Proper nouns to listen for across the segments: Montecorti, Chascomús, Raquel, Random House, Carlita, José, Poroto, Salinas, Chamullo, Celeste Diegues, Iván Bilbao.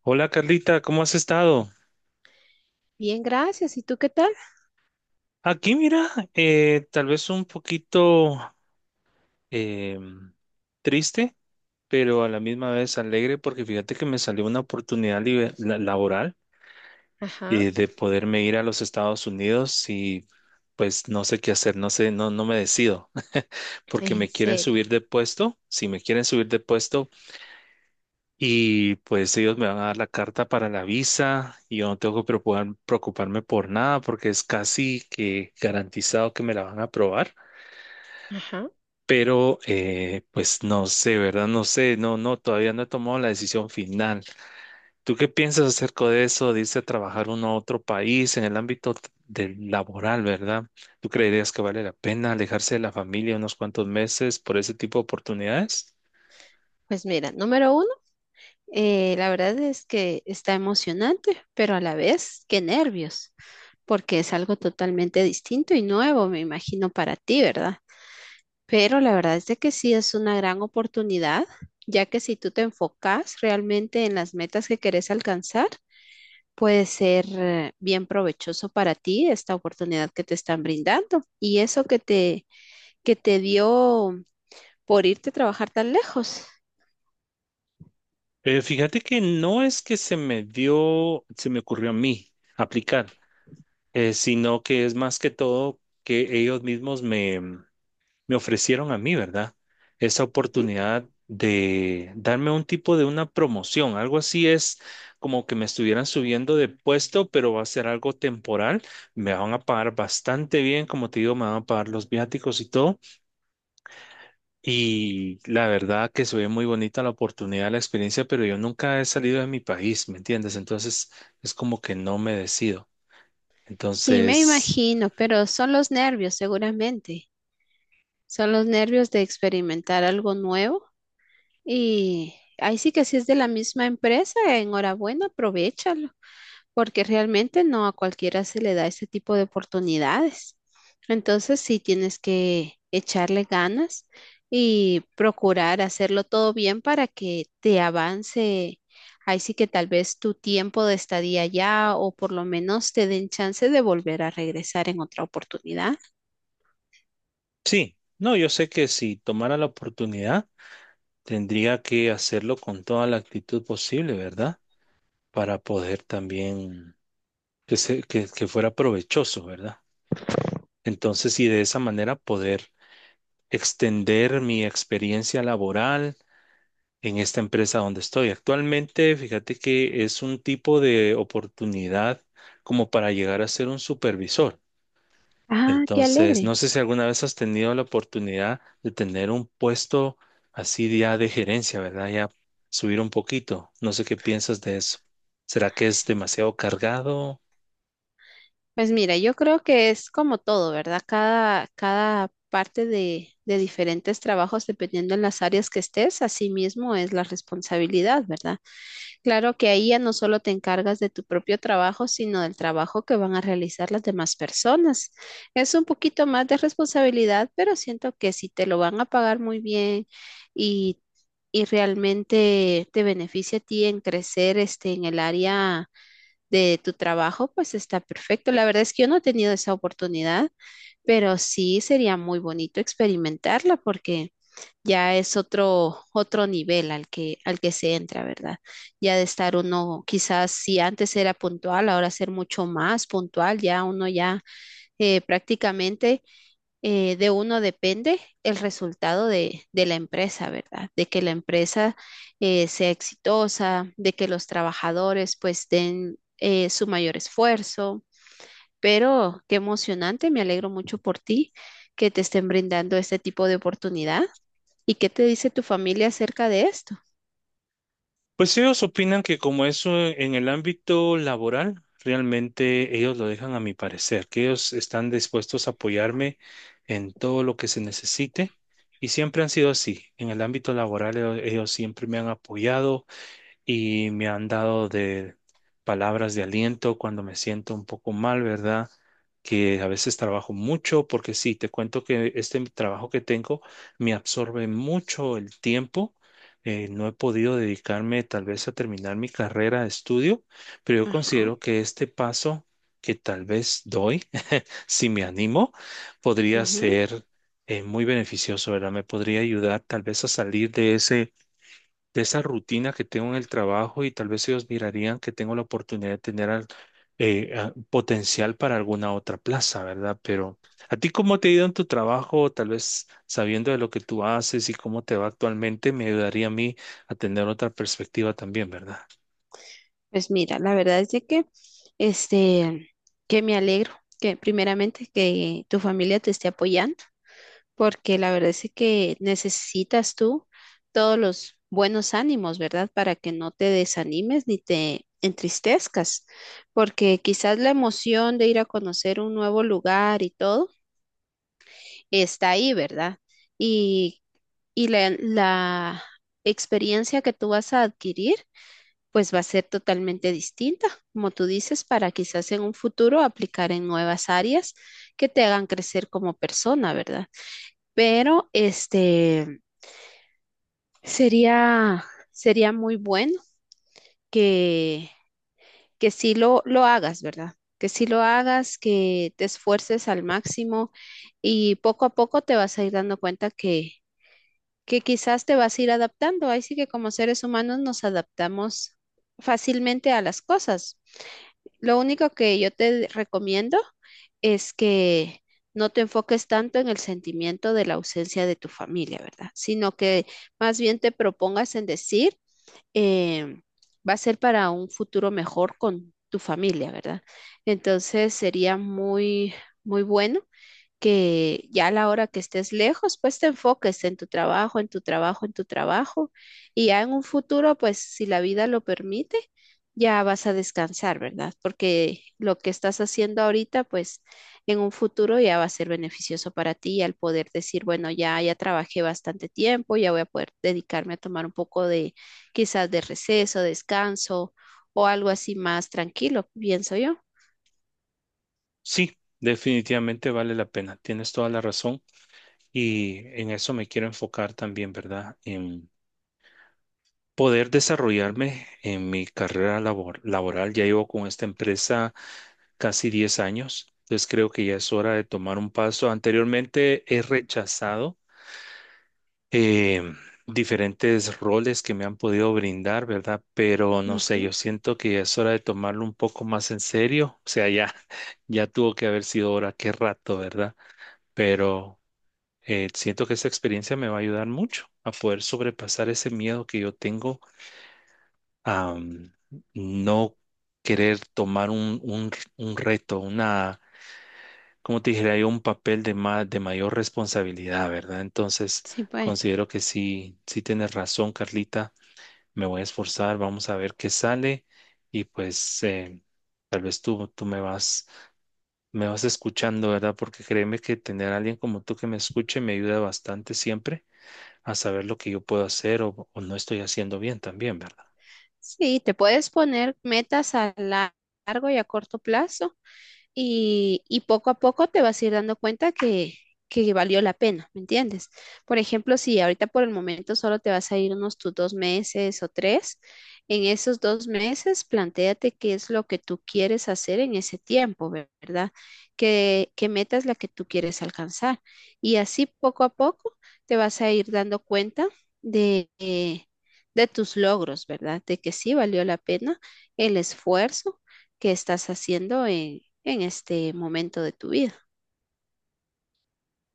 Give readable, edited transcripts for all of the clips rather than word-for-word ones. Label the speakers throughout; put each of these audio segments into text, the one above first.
Speaker 1: Hola, Carlita, ¿cómo has estado?
Speaker 2: Bien, gracias. ¿Y tú qué tal?
Speaker 1: Aquí mira, tal vez un poquito em, triste, pero a la misma vez alegre porque fíjate que me salió una oportunidad laboral
Speaker 2: Ajá.
Speaker 1: de poderme ir a los Estados Unidos y pues no sé qué hacer, no sé, no, no me decido. Porque
Speaker 2: En
Speaker 1: me quieren
Speaker 2: serio.
Speaker 1: subir de puesto. Si me quieren subir de puesto, y pues ellos me van a dar la carta para la visa y yo no tengo que preocuparme por nada porque es casi que garantizado que me la van a aprobar.
Speaker 2: Ajá.
Speaker 1: Pero pues no sé, ¿verdad? No sé, no, no, todavía no he tomado la decisión final. ¿Tú qué piensas acerca de eso? Dice trabajar uno a otro país en el ámbito del laboral, ¿verdad? ¿Tú creerías que vale la pena alejarse de la familia unos cuantos meses por ese tipo de oportunidades?
Speaker 2: Pues mira, número uno, la verdad es que está emocionante, pero a la vez, qué nervios, porque es algo totalmente distinto y nuevo, me imagino, para ti, ¿verdad? Pero la verdad es de que sí es una gran oportunidad, ya que si tú te enfocas realmente en las metas que querés alcanzar, puede ser bien provechoso para ti esta oportunidad que te están brindando. Y eso que te dio. Por irte a trabajar tan lejos.
Speaker 1: Fíjate que no es que se me dio, se me ocurrió a mí aplicar, sino que es más que todo que ellos mismos me, me ofrecieron a mí, ¿verdad? Esa
Speaker 2: Ujú.
Speaker 1: oportunidad de darme un tipo de una promoción, algo así es como que me estuvieran subiendo de puesto, pero va a ser algo temporal, me van a pagar bastante bien, como te digo, me van a pagar los viáticos y todo y la verdad que se ve muy bonita la oportunidad, la experiencia, pero yo nunca he salido de mi país, ¿me entiendes? Entonces es como que no me decido.
Speaker 2: Sí, me
Speaker 1: Entonces,
Speaker 2: imagino, pero son los nervios, seguramente. Son los nervios de experimentar algo nuevo. Y ahí sí que si es de la misma empresa, enhorabuena, aprovechalo. Porque realmente no a cualquiera se le da ese tipo de oportunidades. Entonces sí tienes que echarle ganas y procurar hacerlo todo bien para que te avance. Ahí sí que tal vez tu tiempo de estadía ya o por lo menos te den chance de volver a regresar en otra oportunidad.
Speaker 1: sí, no, yo sé que si tomara la oportunidad, tendría que hacerlo con toda la actitud posible, ¿verdad? Para poder también que fuera provechoso, ¿verdad? Entonces, y de esa manera poder extender mi experiencia laboral en esta empresa donde estoy actualmente. Fíjate que es un tipo de oportunidad como para llegar a ser un supervisor.
Speaker 2: Ah, qué
Speaker 1: Entonces, no
Speaker 2: alegre.
Speaker 1: sé si alguna vez has tenido la oportunidad de tener un puesto así ya de gerencia, ¿verdad? Ya subir un poquito. No sé qué piensas de eso. ¿Será que es demasiado cargado?
Speaker 2: Pues mira, yo creo que es como todo, ¿verdad? Cada parte de diferentes trabajos, dependiendo en las áreas que estés, así mismo es la responsabilidad, ¿verdad? Claro que ahí ya no solo te encargas de tu propio trabajo, sino del trabajo que van a realizar las demás personas. Es un poquito más de responsabilidad, pero siento que si te lo van a pagar muy bien y, y realmente te beneficia a ti en crecer este, en el área de tu trabajo, pues está perfecto. La verdad es que yo no he tenido esa oportunidad, pero sí sería muy bonito experimentarla porque ya es otro, otro nivel al al que se entra, ¿verdad? Ya de estar uno, quizás si antes era puntual, ahora ser mucho más puntual, ya uno ya prácticamente de uno depende el resultado de la empresa, ¿verdad? De que la empresa sea exitosa, de que los trabajadores pues den su mayor esfuerzo. Pero qué emocionante, me alegro mucho por ti que te estén brindando este tipo de oportunidad. ¿Y qué te dice tu familia acerca de esto?
Speaker 1: Pues ellos opinan que como eso en el ámbito laboral, realmente ellos lo dejan a mi parecer, que ellos están dispuestos a apoyarme en todo lo que se necesite y siempre han sido así. En el ámbito laboral ellos siempre me han apoyado, y me han dado de palabras de aliento cuando me siento un poco mal, ¿verdad? Que a veces trabajo mucho, porque sí, te cuento que este trabajo que tengo me absorbe mucho el tiempo. No he podido dedicarme tal vez a terminar mi carrera de estudio, pero yo
Speaker 2: Ajá.
Speaker 1: considero que este paso que tal vez doy, si me animo, podría
Speaker 2: Ujú.
Speaker 1: ser muy beneficioso, ¿verdad? Me podría ayudar tal vez a salir de ese de esa rutina que tengo en el trabajo y tal vez ellos mirarían que tengo la oportunidad de tener potencial para alguna otra plaza, ¿verdad? Pero ¿a ti cómo te ha ido en tu trabajo? Tal vez sabiendo de lo que tú haces y cómo te va actualmente, me ayudaría a mí a tener otra perspectiva también, ¿verdad?
Speaker 2: Pues mira, la verdad es de que, este, que me alegro que primeramente que tu familia te esté apoyando. Porque la verdad es que necesitas tú todos los buenos ánimos, ¿verdad? Para que no te desanimes ni te entristezcas, porque quizás la emoción de ir a conocer un nuevo lugar y todo está ahí, ¿verdad? Y, y la experiencia que tú vas a adquirir, pues va a ser totalmente distinta, como tú dices, para quizás en un futuro aplicar en nuevas áreas que te hagan crecer como persona, ¿verdad? Pero este... Sería, sería muy bueno que, que sí lo hagas, ¿verdad? Que sí lo hagas, que te esfuerces al máximo y poco a poco te vas a ir dando cuenta que quizás te vas a ir adaptando. Ahí sí que como seres humanos nos adaptamos fácilmente a las cosas. Lo único que yo te recomiendo es que no te enfoques tanto en el sentimiento de la ausencia de tu familia, ¿verdad? Sino que más bien te propongas en decir eh, va a ser para un futuro mejor con tu familia, ¿verdad? Entonces sería muy bueno que ya a la hora que estés lejos, pues te enfoques en tu trabajo, en tu trabajo, en tu trabajo, y ya en un futuro, pues si la vida lo permite, ya vas a descansar, ¿verdad? Porque lo que estás haciendo ahorita, pues en un futuro ya va a ser beneficioso para ti al poder decir, bueno, ya trabajé bastante tiempo, ya voy a poder dedicarme a tomar un poco de quizás de receso, descanso o algo así más tranquilo, pienso yo.
Speaker 1: Sí, definitivamente vale la pena. Tienes toda la razón y en eso me quiero enfocar también, ¿verdad? En poder desarrollarme en mi carrera laboral. Ya llevo con esta empresa casi 10 años. Entonces creo que ya es hora de tomar un paso. Anteriormente he rechazado eh, diferentes roles que me han podido brindar, ¿verdad? Pero no sé,
Speaker 2: Ujú.
Speaker 1: yo siento que ya es hora de tomarlo un poco más en serio. O sea, ya, ya tuvo que haber sido hora, qué rato, ¿verdad? Pero siento que esa experiencia me va a ayudar mucho a poder sobrepasar ese miedo que yo tengo a no querer tomar un reto, una, como te dije, hay un papel de más, de mayor responsabilidad, ¿verdad? Entonces,
Speaker 2: Sí, pues.
Speaker 1: considero que sí, sí tienes razón, Carlita. Me voy a esforzar, vamos a ver qué sale y pues tal vez tú me vas escuchando, ¿verdad? Porque créeme que tener a alguien como tú que me escuche me ayuda bastante siempre a saber lo que yo puedo hacer o no estoy haciendo bien también, ¿verdad?
Speaker 2: Sí, te puedes poner metas a la- largo y a corto plazo y poco a poco te vas a ir dando cuenta que valió la pena, ¿me entiendes? Por ejemplo, si ahorita por el momento solo te vas a ir unos tus dos meses o tres, en esos dos meses plantéate qué es lo que tú quieres hacer en ese tiempo, ver- ¿verdad? ¿Qué meta es la que tú quieres alcanzar? Y así poco a poco te vas a ir dando cuenta de, eh, de tus logros, ¿verdad? De que sí valió la pena el esfuerzo que estás haciendo en este momento de tu vida.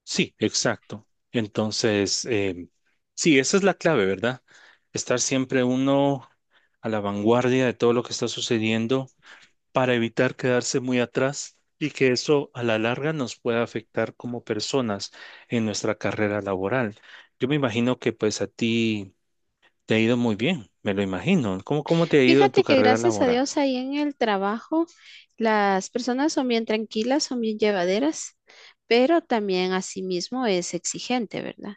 Speaker 1: Sí, exacto. Entonces, sí, esa es la clave, ¿verdad? Estar siempre uno a la vanguardia de todo lo que está sucediendo para evitar quedarse muy atrás y que eso a la larga nos pueda afectar como personas en nuestra carrera laboral. Yo me imagino que pues a ti te ha ido muy bien, me lo imagino. ¿Cómo, cómo te ha ido en tu
Speaker 2: Fíjate que
Speaker 1: carrera
Speaker 2: gracias a
Speaker 1: laboral?
Speaker 2: Dios ahí en el trabajo las personas son bien tranquilas, son bien llevaderas, pero también asimismo es exigente, ¿verdad?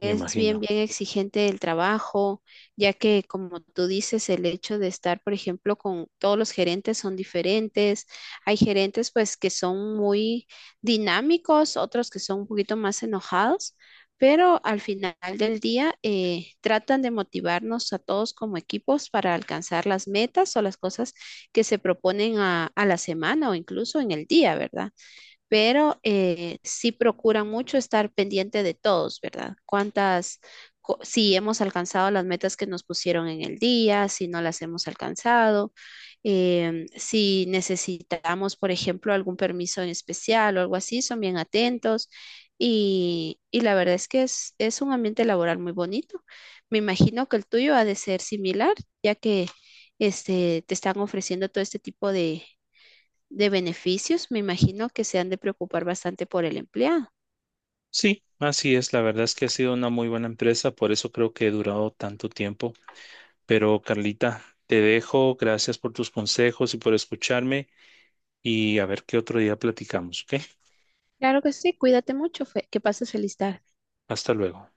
Speaker 1: Me imagino.
Speaker 2: bien exigente el trabajo, ya que como tú dices, el hecho de estar, por ejemplo, con todos los gerentes son diferentes. Hay gerentes pues que son muy dinámicos, otros que son un poquito más enojados, pero al final del día tratan de motivarnos a todos como equipos para alcanzar las metas o las cosas que se proponen a la semana o incluso en el día, ¿verdad? Pero sí procuran mucho estar pendiente de todos, ¿verdad? Si hemos alcanzado las metas que nos pusieron en el día, si no las hemos alcanzado, si necesitamos, por ejemplo, algún permiso en especial o algo así, son bien atentos. Y la verdad es que es un ambiente laboral muy bonito. Me imagino que el tuyo ha de ser similar, ya que este, te están ofreciendo todo este tipo de beneficios, me imagino que se han de preocupar bastante por el empleado.
Speaker 1: Sí, así es. La verdad es que ha sido una muy buena empresa, por eso creo que he durado tanto tiempo. Pero Carlita, te dejo. Gracias por tus consejos y por escucharme y a ver qué otro día platicamos, ¿ok?
Speaker 2: Claro que sí, cuídate mucho, Fe- que pases feliz tarde.
Speaker 1: Hasta luego.